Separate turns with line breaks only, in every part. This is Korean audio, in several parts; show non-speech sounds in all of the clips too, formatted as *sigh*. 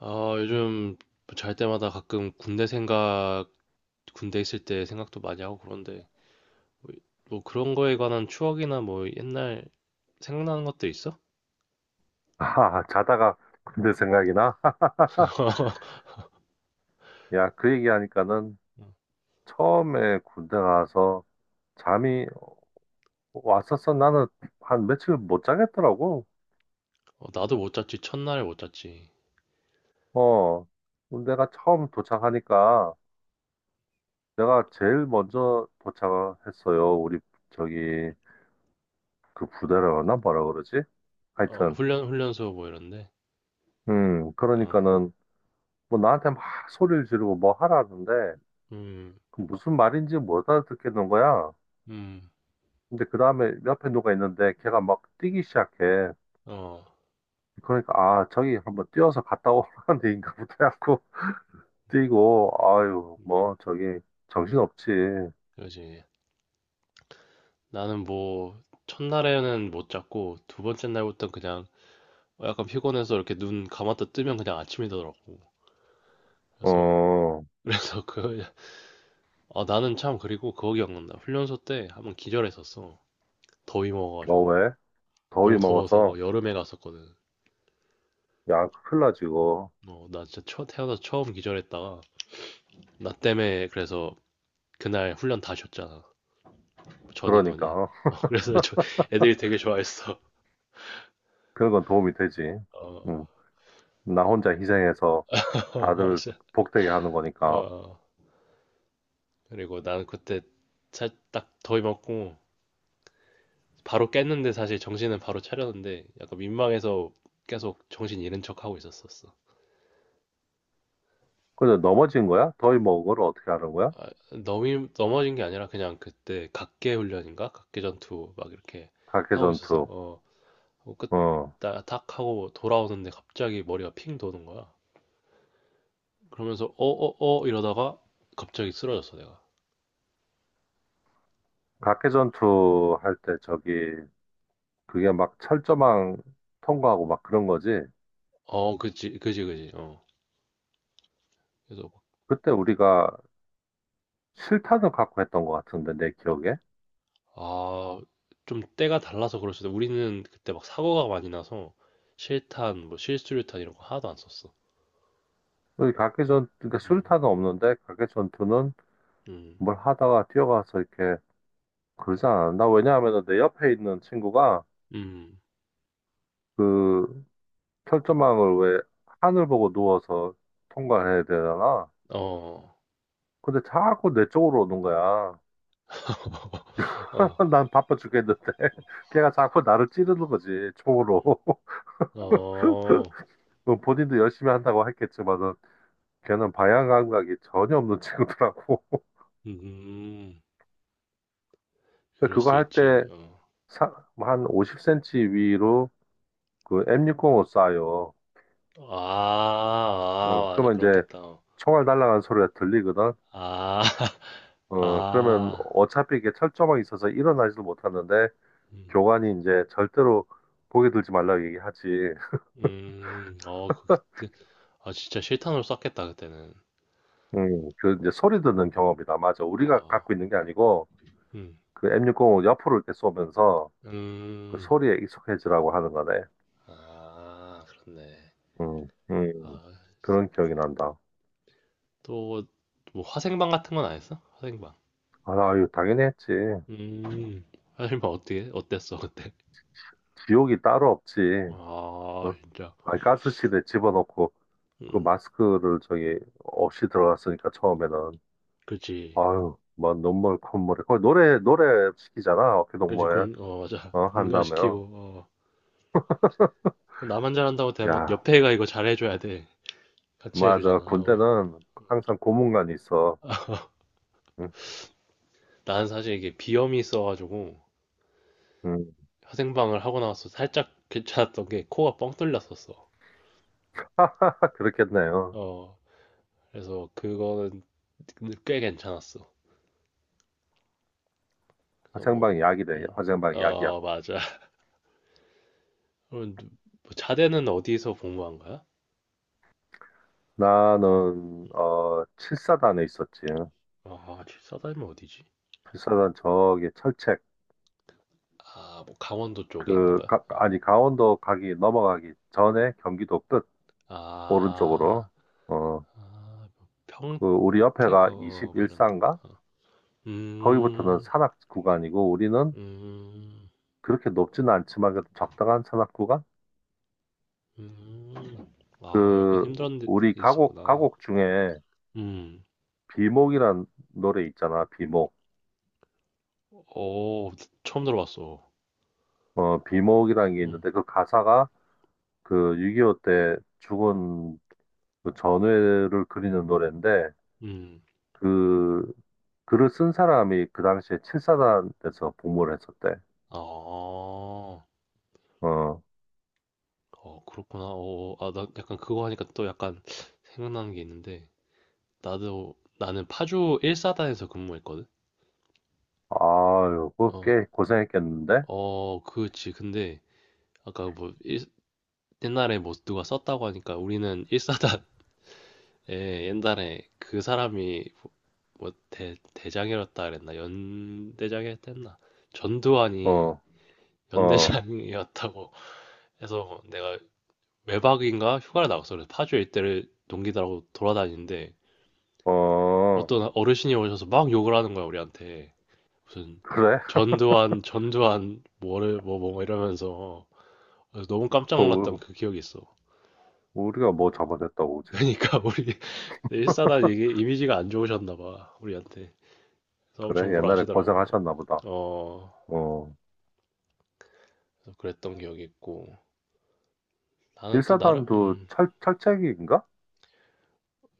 아, 요즘 잘 때마다 가끔 군대 있을 때 생각도 많이 하고 그런데, 뭐, 뭐 그런 거에 관한 추억이나 뭐 옛날 생각나는 것들 있어?
아, 자다가 군대 생각이 나?
*laughs*
*laughs* 야, 그 얘기하니까는 처음에 군대 가서 잠이 왔었어. 나는 한 며칠 못 자겠더라고.
어, 나도 못 잤지, 첫날에 못 잤지.
어, 군대가 처음 도착하니까 내가 제일 먼저 도착했어요. 우리 저기 그 부대라나 뭐라 그러지?
어,
하여튼,
훈련소 뭐 이런데. 어,
그러니까는 뭐 나한테 막 소리를 지르고 뭐 하라는데
음,
그 무슨 말인지 못 알아듣겠는 거야.
음,
근데 그 다음에 옆에 누가 있는데 걔가 막 뛰기 시작해.
어,
그러니까 아 저기 한번 뛰어서 갔다 오라는 데인가부터 해갖고 *laughs* 뛰고 아유
음,
뭐 저기 정신없지.
그러지. 나는 첫날에는 못 잤고, 두 번째 날부터 그냥 약간 피곤해서 이렇게 눈 감았다 뜨면 그냥 아침이더라고. 그래서,
어,
*laughs* 그래서 그 아, 나는 참 그리고 그거 기억난다. 훈련소 때 한번 기절했었어. 더위
어
먹어가지고.
왜 더위
너무 더워서
먹어서
어, 여름에 갔었거든.
약 큰일 나 지고.
어, 나 진짜 태어나서 처음 기절했다가 나 때문에 그래서 그날 훈련 다 쉬었잖아. 전
그러니까
인원이.
어,
어, *laughs* 애들이 되게 좋아했어.
그런 건 도움이 되지.
어,
음나 혼자 희생해서
*laughs*
다들
맞아.
복되게 하는 거니까.
어, 그리고 나는 그때 딱 더위 먹고 바로 깼는데 사실 정신은 바로 차렸는데 약간 민망해서 계속 정신 잃은 척 하고 있었었어.
근데 넘어진 거야? 더위 먹은 걸 어떻게 하는 거야?
아, 넘어진 게 아니라 그냥 그때 각계 훈련인가? 각계 전투 막 이렇게 하고 있어서
각개전투.
어, 하고 끝,
어,
나, 탁 하고 돌아오는데 갑자기 머리가 핑 도는 거야. 그러면서 이러다가 갑자기 쓰러졌어 내가.
각개전투 할 때 저기 그게 막 철조망 통과하고 막 그런 거지.
어, 그지, 그지, 그지. 어. 그래서
그때 우리가 실탄을 갖고 했던 것 같은데 내 기억에.
아, 좀 때가 달라서 그럴 수도. 우리는 그때 막 사고가 많이 나서 뭐 실수류탄 이런 거 하나도 안 썼어.
여기 각개전 그러니까
음,
수류탄은 없는데 각개전투는
음,
뭘 하다가 뛰어가서 이렇게 그러지 않았나? 왜냐하면 내 옆에 있는 친구가
음,
그 철조망을 왜 하늘 보고 누워서 통과를 해야 되잖아.
어,
근데 자꾸 내 쪽으로 오는 거야.
어,
*laughs* 난 바빠 죽겠는데 *laughs* 걔가 자꾸 나를 찌르는 거지 총으로.
음,
*laughs*
어,
뭐 본인도 열심히 한다고 했겠지만은 걔는 방향 감각이 전혀 없는 *laughs* 친구더라고.
음.
근데
그럴
그거
수 있지.
할때
어.
사, 한 50 cm 위로 그 M605 쏴요.
아,
어,
아, 맞아.
그러면 이제
그렇겠다. 어.
총알 날아가는 소리가 들리거든.
아, *laughs*
어, 그러면
아.
어차피 이게 철조망이 있어서 일어나지도 못하는데
음,
교관이 이제 절대로 보게 들지 말라고 얘기하지.
어, 그때. 아, 진짜 실탄으로 쐈겠다, 그때는.
그 이제 소리 듣는 경험이다. 맞아. 우리가
아,
갖고 있는 게 아니고
음,
그 M605 옆으로 이렇게 쏘면서 그
음.
소리에 익숙해지라고 하는 거네.
아, 그렇네.
음,
아,
음, 그런 기억이 난다.
또, 뭐, 화생방 같은 건 안 했어? 화생방.
아, 유 당연히 했지.
음, 어땠어, 그때?
지옥이 따로 없지.
아,
어?
진짜.
아니, 가스실에 집어넣고 그
음,
마스크를 저기 없이 들어갔으니까 처음에는
그치.
아유 뭐 눈물 콧물이 거의 노래 노래 시키잖아 어깨동무에.
어, 맞아. *laughs*
어 한다며.
군가시키고, 어. 나만 잘한다고 되는 것,
야,
옆에 애가 이거 잘해줘야 돼. 같이
맞아.
해주잖아. 어.
군대는 항상 고문관이 있어. 응,
난 사실 이게 비염이 있어가지고
응.
화생방을 하고 나서 살짝 괜찮았던 게 코가 뻥 뚫렸었어.
딱 그렇겠네요.
어, 그래서 그거는 꽤 괜찮았어. 그래서 뭐,
화생방 약이래,
음,
화생방 약이야.
어, 맞아. *laughs* 그럼 뭐 자대는 어디서 복무한 거야?
나는 어 7사단에 있었지.
아, 집사다니면 어디지?
7사단 저기 철책.
아, 뭐 강원도 쪽에 있는
그
거야?
가,
어.
아니 강원도 가기 넘어가기 전에 경기도 끝
아,
오른쪽으로. 어,
아, 뭐
그 우리
평택,
옆에가
어, 뭐 이런 데.
21산가?
어.
거기부터는
음,
산악 구간이고 우리는
음.
그렇게 높지는 않지만 그래도 적당한 산악 구간?
음. 아, 약간
그
힘든 데
우리 가곡
있었구나.
가곡 중에
음.
비목이란 노래 있잖아. 비목.
어, 처음 들어봤어.
어, 비목이라는 게
음.
있는데 그 가사가 그 6.25 때 죽은 그 전우회를 그리는 노래인데
음.
그 글을 쓴 사람이 그 당시에 7사단에서 복무를 했었대.
아. 어,
어.
그렇구나. 어, 아, 나 약간 그거 하니까 또 약간 생각나는 게 있는데 나도 나는 파주 1사단에서 근무했거든.
아유,
어.
그꽤 고생했겠는데?
어, 그렇지. 근데 아까 뭐 일, 옛날에 뭐 누가 썼다고 하니까 우리는 *laughs* 1사단 예, 옛날에 그 사람이 대장이었다 그랬나? 연대장이었댔나 전두환이
어, 어,
연대장이었다고 해서 내가 외박인가 휴가를 나갔어. 그래서 파주 일대를 동기들하고 돌아다니는데
어,
어떤 어르신이 오셔서 막 욕을 하는 거야, 우리한테. 무슨
그래?
전두환, 뭐를, 뭐, 뭐 뭐 이러면서. 그래서 너무
*laughs*
깜짝 놀랐던
우-
그 기억이 있어.
우리가 뭐 잡아냈다고 그지?
그러니까 우리 *laughs* 일사단 이게 이미지가 안 좋으셨나 봐, 우리한테. 그래서 엄청
그래?
보라
옛날에
하시더라고.
고생하셨나 보다.
어,
어,
그래서 그랬던 기억이 있고. 나는 또 나름,
일사단도 철철책인가.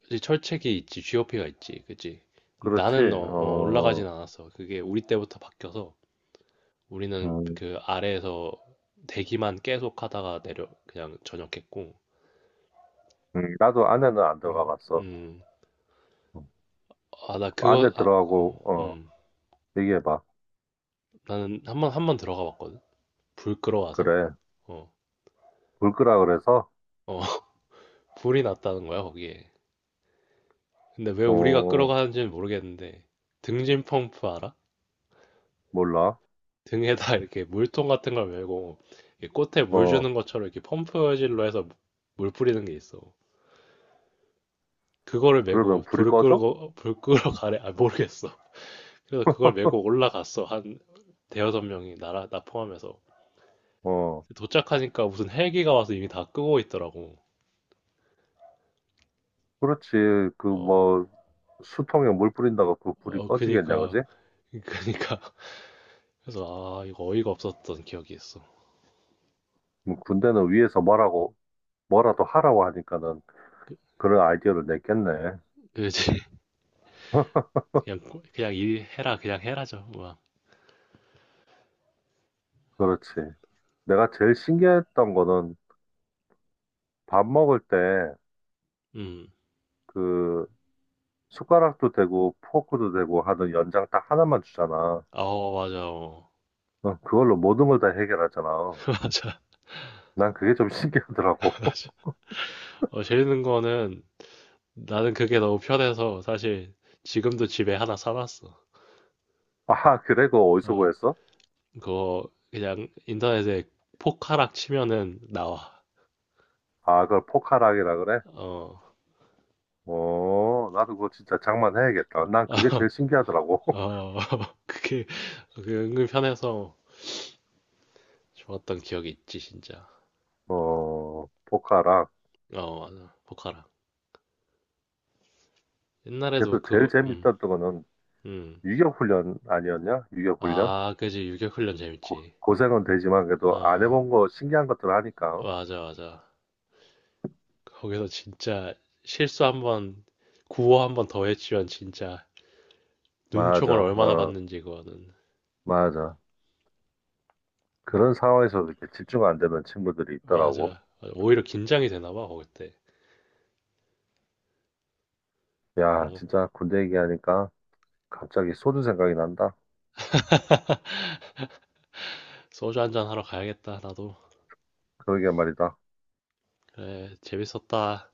그치, 철책이 있지, GOP가 있지, 그치?
그렇지.
나는 올라가진
어,
않았어. 그게 우리 때부터 바뀌어서 우리는
음,
그 아래에서 대기만 계속 하다가 내려, 그냥 전역했고.
나도 안에는 안 들어가
음,
봤어.
음.
어,
아, 나
안에
그거, 아, 어,
들어가고, 어, 얘기해봐.
나는 한 번 들어가 봤거든. 불 끌어와서.
그래.
어,
불 끄라 그래서?
어, *laughs* 불이 났다는 거야, 거기에. 근데 왜 우리가
어,
끌어가는지는 모르겠는데, 등진 펌프 알아?
몰라.
등에다 *laughs* 이렇게 물통 같은 걸 메고 이렇게 꽃에 물
어,
주는 것처럼 이렇게 펌프질로 해서 물 뿌리는 게 있어. 그거를 메고
그러면 불이
불을
꺼져?
끄고 불 끄러 가래 아 모르겠어. 그래서 그걸 메고 올라갔어 한 대여섯 명이 나라 나 포함해서
어,
도착하니까 무슨 헬기가 와서 이미 다 끄고 있더라고.
그렇지. 그
어,
뭐, 수통에 물 뿌린다고 그 불이
어
꺼지겠냐,
그니까
그지?
그니까 그래서 아 이거 어이가 없었던 기억이 있어.
뭐 군대는 위에서 뭐라고 뭐라도 하라고 하니까는
그,
그런 아이디어를 냈겠네.
그지 그냥 그냥 일 해라 그냥 해라죠 막.
그렇지. 내가 제일 신기했던 거는 밥 먹을 때
음.
그 숟가락도 되고 포크도 되고 하는 연장 딱 하나만 주잖아.
아 맞아 어.
어, 그걸로 모든 걸 다 해결하잖아.
*laughs* 맞아.
난 그게 좀 신기하더라고.
어, 재밌는 거는 나는 그게 너무 편해서 사실 지금도 집에 하나 사놨어.
*laughs* 아, 그래? 그거 어디서
어,
구했어?
그거 그냥 인터넷에 포카락 치면은 나와.
아, 그걸 포카락이라 그래?
어,
어, 나도 그거 진짜 장만해야겠다. 난 그게 제일 신기하더라고. *laughs*
어, *laughs* 그게, 그게 은근 편해서 좋았던 기억이 있지, 진짜.
어, 포카락.
어, 맞아. 포카락. 옛날에도
그래서 제일
그거,
재밌었던 거는
음.
유격훈련 아니었냐? 유격훈련?
아, 그지. 유격훈련
고,
재밌지.
고생은 되지만 그래도 안
어,
해본 거 신기한 것들 하니까.
맞아, 맞아. 거기서 진짜 실수 한 번, 구호 한번 더 했지만 진짜
맞아,
눈총을 얼마나
어,
받는지 그거는
맞아. 그런 상황에서 도 이렇게 집중 안 되는 친구들이 있더라고.
맞아. 맞아. 오히려 긴장이 되나 봐 그때 그런
야,
것
진짜 군대 얘기하니까 갑자기 소주 생각이 난다.
소주 한잔 하러 가야겠다 나도
그러게 말이다.
그래 재밌었다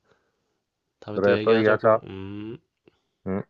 다음에 또
그래, 또
얘기하자고
얘기하자. 응?